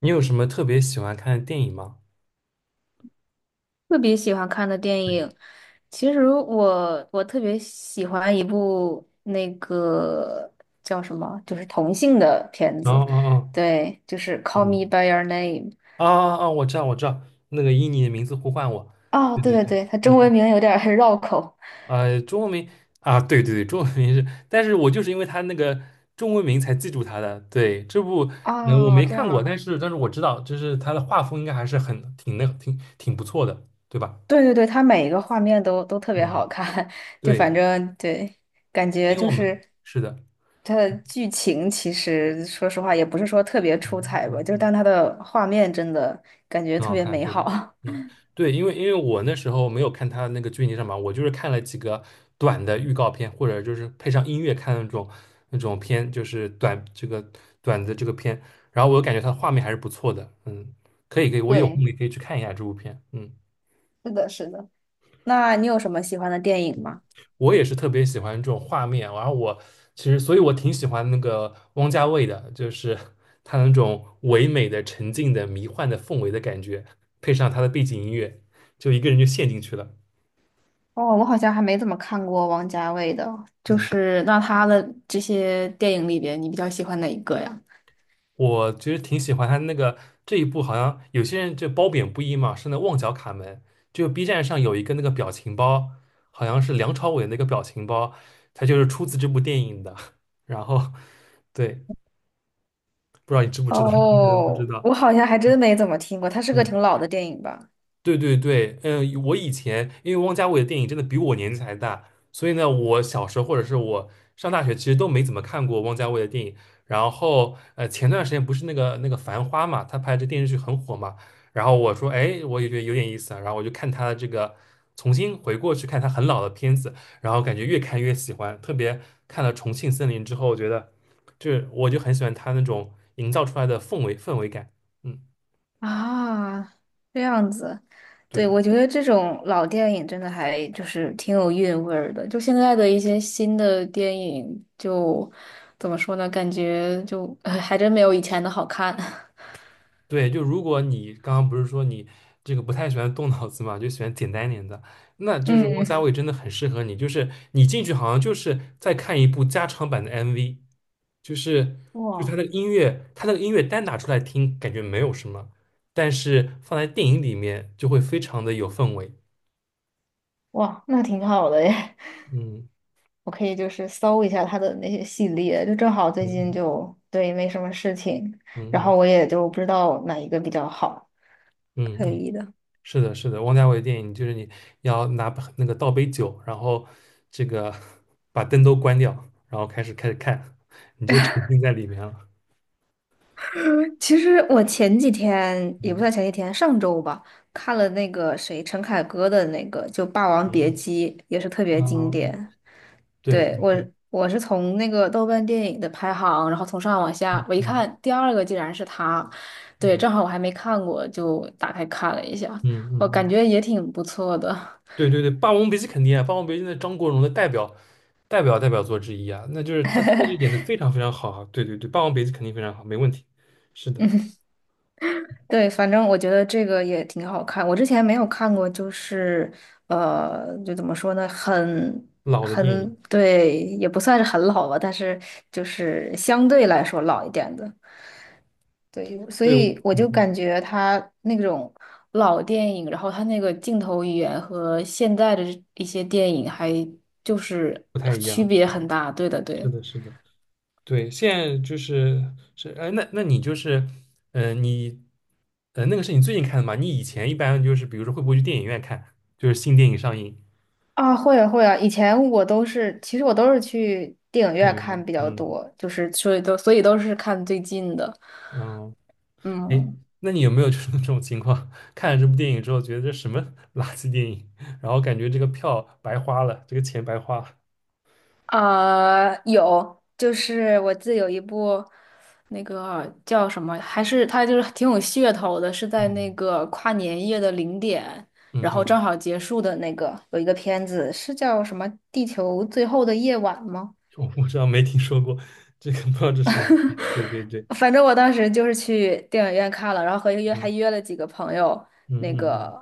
你有什么特别喜欢看的电影吗？特别喜欢看的电对，影，其实我特别喜欢一部那个叫什么，就是同性的片哦子，哦哦，对，就是嗯，《Call Me by Your Name》。啊啊啊！我知道，我知道，那个以你的名字呼唤我，哦，对对对对对，对，它中文嗯，名有点儿 绕口。中文名啊，对对对，中文名是，但是我就是因为他那个中文名才记住他的。对，这部我哦，没这看过，样，但是我知道，就是他的画风应该还是很挺那挺挺不错的，对吧？对对对，它每一个画面都特别嗯，好看，就对，反正对，感觉因为就我们是是的，它的剧情其实说实话也不是说特别出嗯彩吧，嗯就是嗯。但它的画面真的感觉很特好别看，美对吧？好。嗯，对，因为我那时候没有看他那个剧情上嘛，我就是看了几个短的预告片，或者就是配上音乐看那种片，就是短的这个片，然后我感觉它画面还是不错的，嗯，可以可以，我有空对，也可以去看一下这部片，嗯，是的，是的。那你有什么喜欢的电影吗？我也是特别喜欢这种画面，然后我其实所以我挺喜欢那个汪家卫的，就是 他那种唯美的沉静的迷幻的氛围的感觉，配上他的背景音乐，就一个人就陷进去了。哦，我好像还没怎么看过王家卫的，就嗯。是那他的这些电影里边，你比较喜欢哪一个呀？我其实挺喜欢他那个这一部，好像有些人就褒贬不一嘛，是那旺角卡门，就 B 站上有一个那个表情包，好像是梁朝伟那个表情包，它就是出自这部电影的。然后，对，不知道你知不知道，你可能不知哦，道，我好像还真没怎么听过，他是个嗯。挺老的电影吧？对对对，嗯，我以前因为汪家卫的电影真的比我年纪还大，所以呢，我小时候或者是我上大学其实都没怎么看过汪家卫的电影。然后，前段时间不是那个《繁花》嘛，他拍这电视剧很火嘛。然后我说，哎，我也觉得有点意思啊。然后我就看他的这个，重新回过去看他很老的片子，然后感觉越看越喜欢。特别看了《重庆森林》之后，我觉得这我就很喜欢他那种营造出来的氛围感。嗯，啊，这样子，对，对。我觉得这种老电影真的还就是挺有韵味儿的。就现在的一些新的电影就，怎么说呢？感觉就 哎还真没有以前的好看。对，就如果你刚刚不是说你这个不太喜欢动脑子嘛，就喜欢简单一点的，那就是汪嗯，家卫真的很适合你。就是你进去好像就是在看一部加长版的 MV，就是就是他哇，的音乐，他那个音乐单拿出来听感觉没有什么，但是放在电影里面就会非常的有氛围。哇，那挺好的耶！我可以就是搜一下他的那些系列，就正好最近嗯就对没什么事情，嗯然嗯后我也就不知道哪一个比较好。嗯可嗯嗯嗯。以的。是的，是的，王家卫电影就是你要拿那个倒杯酒，然后这个把灯都关掉，然后开始看，你就沉浸在里面了。其实我前几天也不嗯算前几天，上周吧，看了那个谁陈凯歌的那个就《霸王别嗯姬》，也是特别经啊，典。对对，对我对，我是从那个豆瓣电影的排行，然后从上往下，我一嗯看第二个竟然是他，对，正嗯好我还没看过，就打开看了一下，嗯我嗯感嗯，觉也挺不错的。对对对，《霸王别姬》肯定啊，《霸王别姬》那张国荣的代表作之一啊，那就是他真的就演的非常非常好啊。对对对，《霸王别姬》肯定非常好，没问题。是的，对，反正我觉得这个也挺好看，我之前没有看过，就是就怎么说呢，老的电影，对，也不算是很老吧，但是就是相对来说老一点的。对，所对，以我嗯，就感嗯觉他那种老电影，然后他那个镜头语言和现在的一些电影还就是不太一区样，是别很大。对的，是对。的，是的。对，现在就是是哎，那那你就是，你，那个是你最近看的吗？你以前一般就是，比如说会不会去电影院看，就是新电影上映，啊，会啊会啊，以前我都是，其实我都是去电影电院影看院，比较嗯多，就是所以都是看最近的。哦，哎，嗯，那你有没有 就是这种情况，看了这部电影之后，觉得这什么 垃圾电影，然后感觉这个票白花了，这个钱白花了有，就是我记得有一部那个叫什么，还是它就是挺有噱头的，是在那个跨年夜的零点，嗯然嗯后嗯，正好结束的那个有一个片子，是叫什么《地球最后的夜晚》吗？我不知道没听说过，这个不知道这是什么片对对对，反正我当时就是去电影院看了，然后和约还嗯约了几个朋友，嗯那嗯嗯，个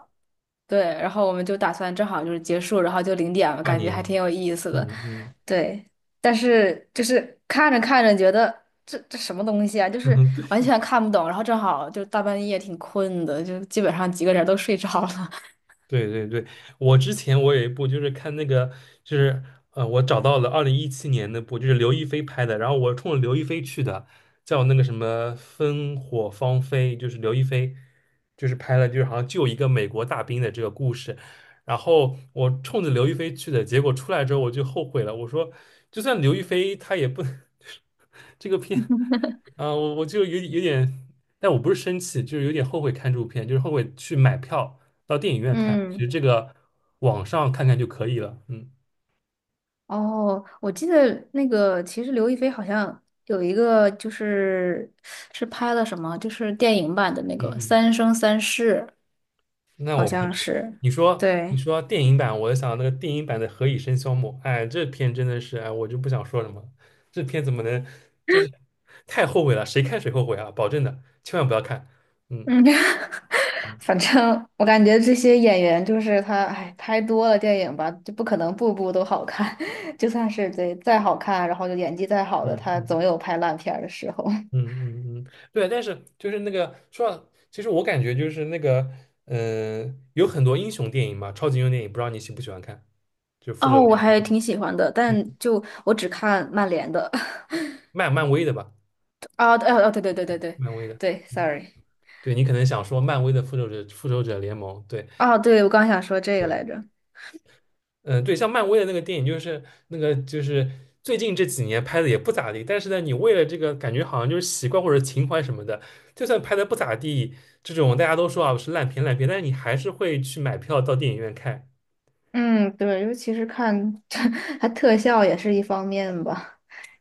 对，然后我们就打算正好就是结束，然后就零点了，跨感觉还年，挺有意思的。嗯嗯，对，但是就是看着看着觉得这什么东西啊，就是 完全看不懂，然后正好就大半夜挺困的，就基本上几个人都睡着了。对对对，我之前我有一部就是看那个，就是我找到了2017年那部，就是刘亦菲拍的，然后我冲着刘亦菲去的，叫那个什么《烽火芳菲》，就是刘亦菲，就是拍了就是好像救一个美国大兵的这个故事，然后我冲着刘亦菲去的，结果出来之后我就后悔了，我说就算刘亦菲她也不 这个片啊，我我就有点，但我不是生气，就是有点后悔看这部片，就是后悔去买票。到电影 院看，其实嗯，这个网上看看就可以了。嗯哦，我记得那个，其实刘亦菲好像有一个，就是是拍了什么？就是电影版的那个嗯嗯，《三生三世》。那好我不像知道。是，你对。说电影版，我就想到那个电影版的《何以笙箫默》，哎，这片真的是，哎，我就不想说什么了这片怎么能，这是太后悔了，谁看谁后悔啊！保证的，千万不要看。嗯嗯，反正我感觉这些演员就是他，哎，拍多了电影吧，就不可能部部都好看。就算是对再好看，然后就演技再好的，嗯他总嗯有拍烂片儿的时候。嗯嗯嗯，对。但是就是那个说到其实我感觉就是那个，嗯、有很多英雄电影嘛，超级英雄电影，不知道你喜不喜欢看，就复仇者哦，我联还盟，挺喜欢的，嗯，但就我只看曼联的。漫威的吧。啊，对，哦，对对对对对漫威的，对 s o r 嗯 r y 对你可能想说漫威的复仇者联盟，对啊，对，我刚想说这个对，来着。嗯对，像漫威的那个电影，就是最近这几年拍的也不咋地，但是呢，你为了这个感觉好像就是习惯或者情怀什么的，就算拍的不咋地，这种大家都说啊是烂片，但是你还是会去买票到电影院看，嗯，对，尤其是看 它特效也是一方面吧，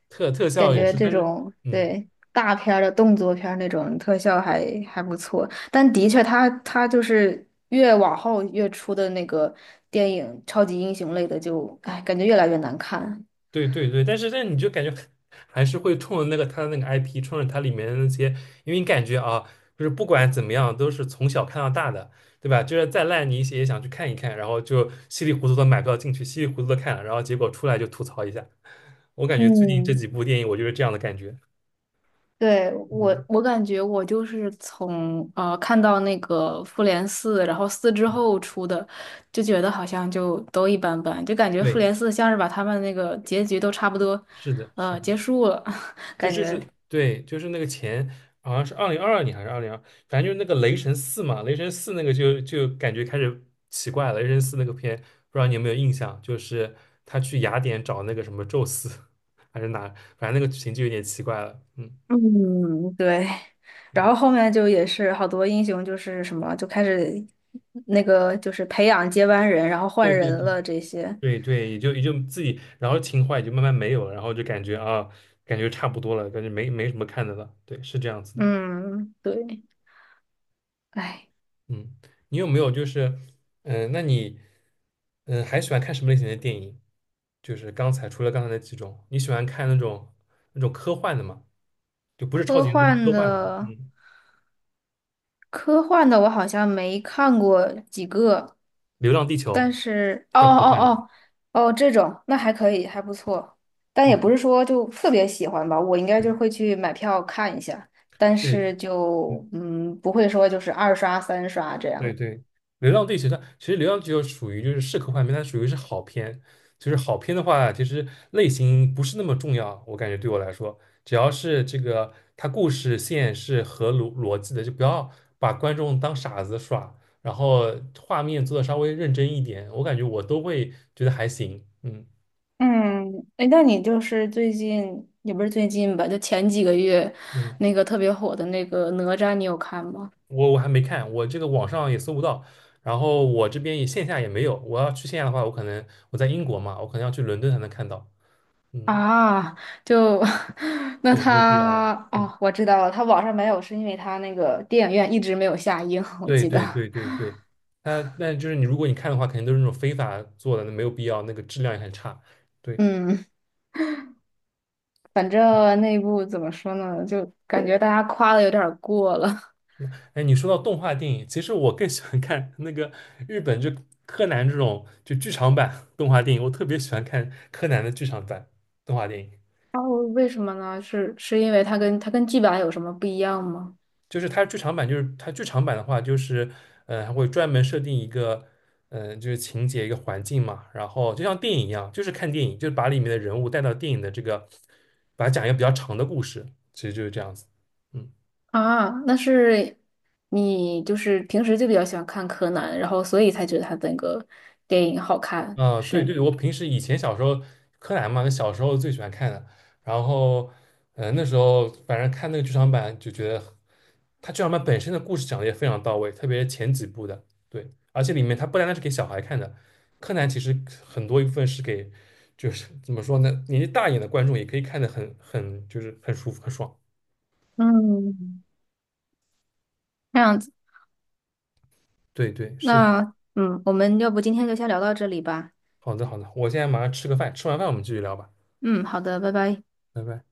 特感效也觉是，这但是种嗯。对大片儿的动作片儿那种特效还不错，但的确它就是越往后越出的那个电影超级英雄类的就，哎感觉越来越难看。对对对，但是但你就感觉还是会冲着那个它的那个 IP，冲着它里面的那些，因为你感觉啊，就是不管怎么样，都是从小看到大的，对吧？就是再烂你一些也想去看一看，然后就稀里糊涂的买票进去，稀里糊涂的看了，然后结果出来就吐槽一下。我感觉最近这嗯，几部电影，我就是这样的感觉。对，我，嗯，我感觉我就是从看到那个复联四，然后四之后出的，就觉得好像就都一般般，就感觉复对，联四像是把他们那个结局都差不多，是的，是的。结束了，感就觉，是，对，就是那个前好像是2022年还是二零二，反正就是那个雷神四嘛，雷神四那个就感觉开始奇怪了。雷神四那个片，不知道你有没有印象？就是他去雅典找那个什么宙斯，还是哪，反正那个剧情就有点奇怪了。嗯嗯，对。然嗯，后后面就也是好多英雄就是什么就开始那个就是培养接班人，然后换对人对对了这些，对对，也就自己，然后情怀也就慢慢没有了，然后就感觉啊，感觉差不多了，感觉没什么看的了。对，是这样子的。嗯，对，哎，嗯，你有没有就是，嗯、那你，嗯、还喜欢看什么类型的电影？就是刚才除了刚才那几种，你喜欢看那种科幻的吗？就不是超科级英雄，是幻科幻的。的。嗯，科幻的我好像没看过几个，《流浪地球》但是哦算科哦幻的。哦哦，这种那还可以，还不错，但也嗯，不是说就特别喜欢吧，我应该对就会去买票看一下，但对，是嗯。就不会说就是二刷三刷这对样。对，《流浪地球》它其实《流浪地球》属于就是适合画片，它属于是好片。就是好片的话，其实类型不是那么重要，我感觉对我来说，只要是这个它故事线是合逻辑的，就不要把观众当傻子耍，然后画面做的稍微认真一点，我感觉我都会觉得还行。嗯嗯，哎，那你就是最近也不是最近吧，就前几个月嗯，那个特别火的那个哪吒，你有看吗？我还没看，我这个网上也搜不到，然后我这边也线下也没有。我要去线下的话，我可能我在英国嘛，我可能要去伦敦才能看到。嗯。啊，就 那对，没有必要了他嗯，哦，我知道了，他网上没有，是因为他那个电影院一直没有下映，我对记得。对对对对，它那就是你，如果你看的话，肯定都是那种非法做的，那没有必要，那个质量也很差。对，嗯，反正那部怎么说呢，就感觉大家夸的有点儿过了。哎，你说到动画电影，其实我更喜欢看那个日本就柯南这种就剧场版动画电影，我特别喜欢看柯南的剧场版动画电影。哦，为什么呢？是因为他跟剧版有什么不一样吗？就是它剧场版，就是它剧场版的话，就是嗯，还会专门设定一个嗯，就是情节一个环境嘛，然后就像电影一样，就是看电影，就是把里面的人物带到电影的这个，把它讲一个比较长的故事，其实就是这样子。嗯，啊，那是你就是平时就比较喜欢看柯南，然后所以才觉得他那个电影好看，啊，对是。对，我平时以前小时候柯南嘛，小时候最喜欢看的，然后嗯，那时候反正看那个剧场版就觉得。他剧场版本身的故事讲的也非常到位，特别是前几部的，对，而且里面它不单单是给小孩看的，柯南其实很多一部分是给，就是怎么说呢，年纪大一点的观众也可以看得很就是很舒服很爽。嗯，这样子。对对，是的，那我们要不今天就先聊到这里吧。好的好的，我现在马上吃个饭，吃完饭我们继续聊吧，嗯，好的，拜拜。拜拜。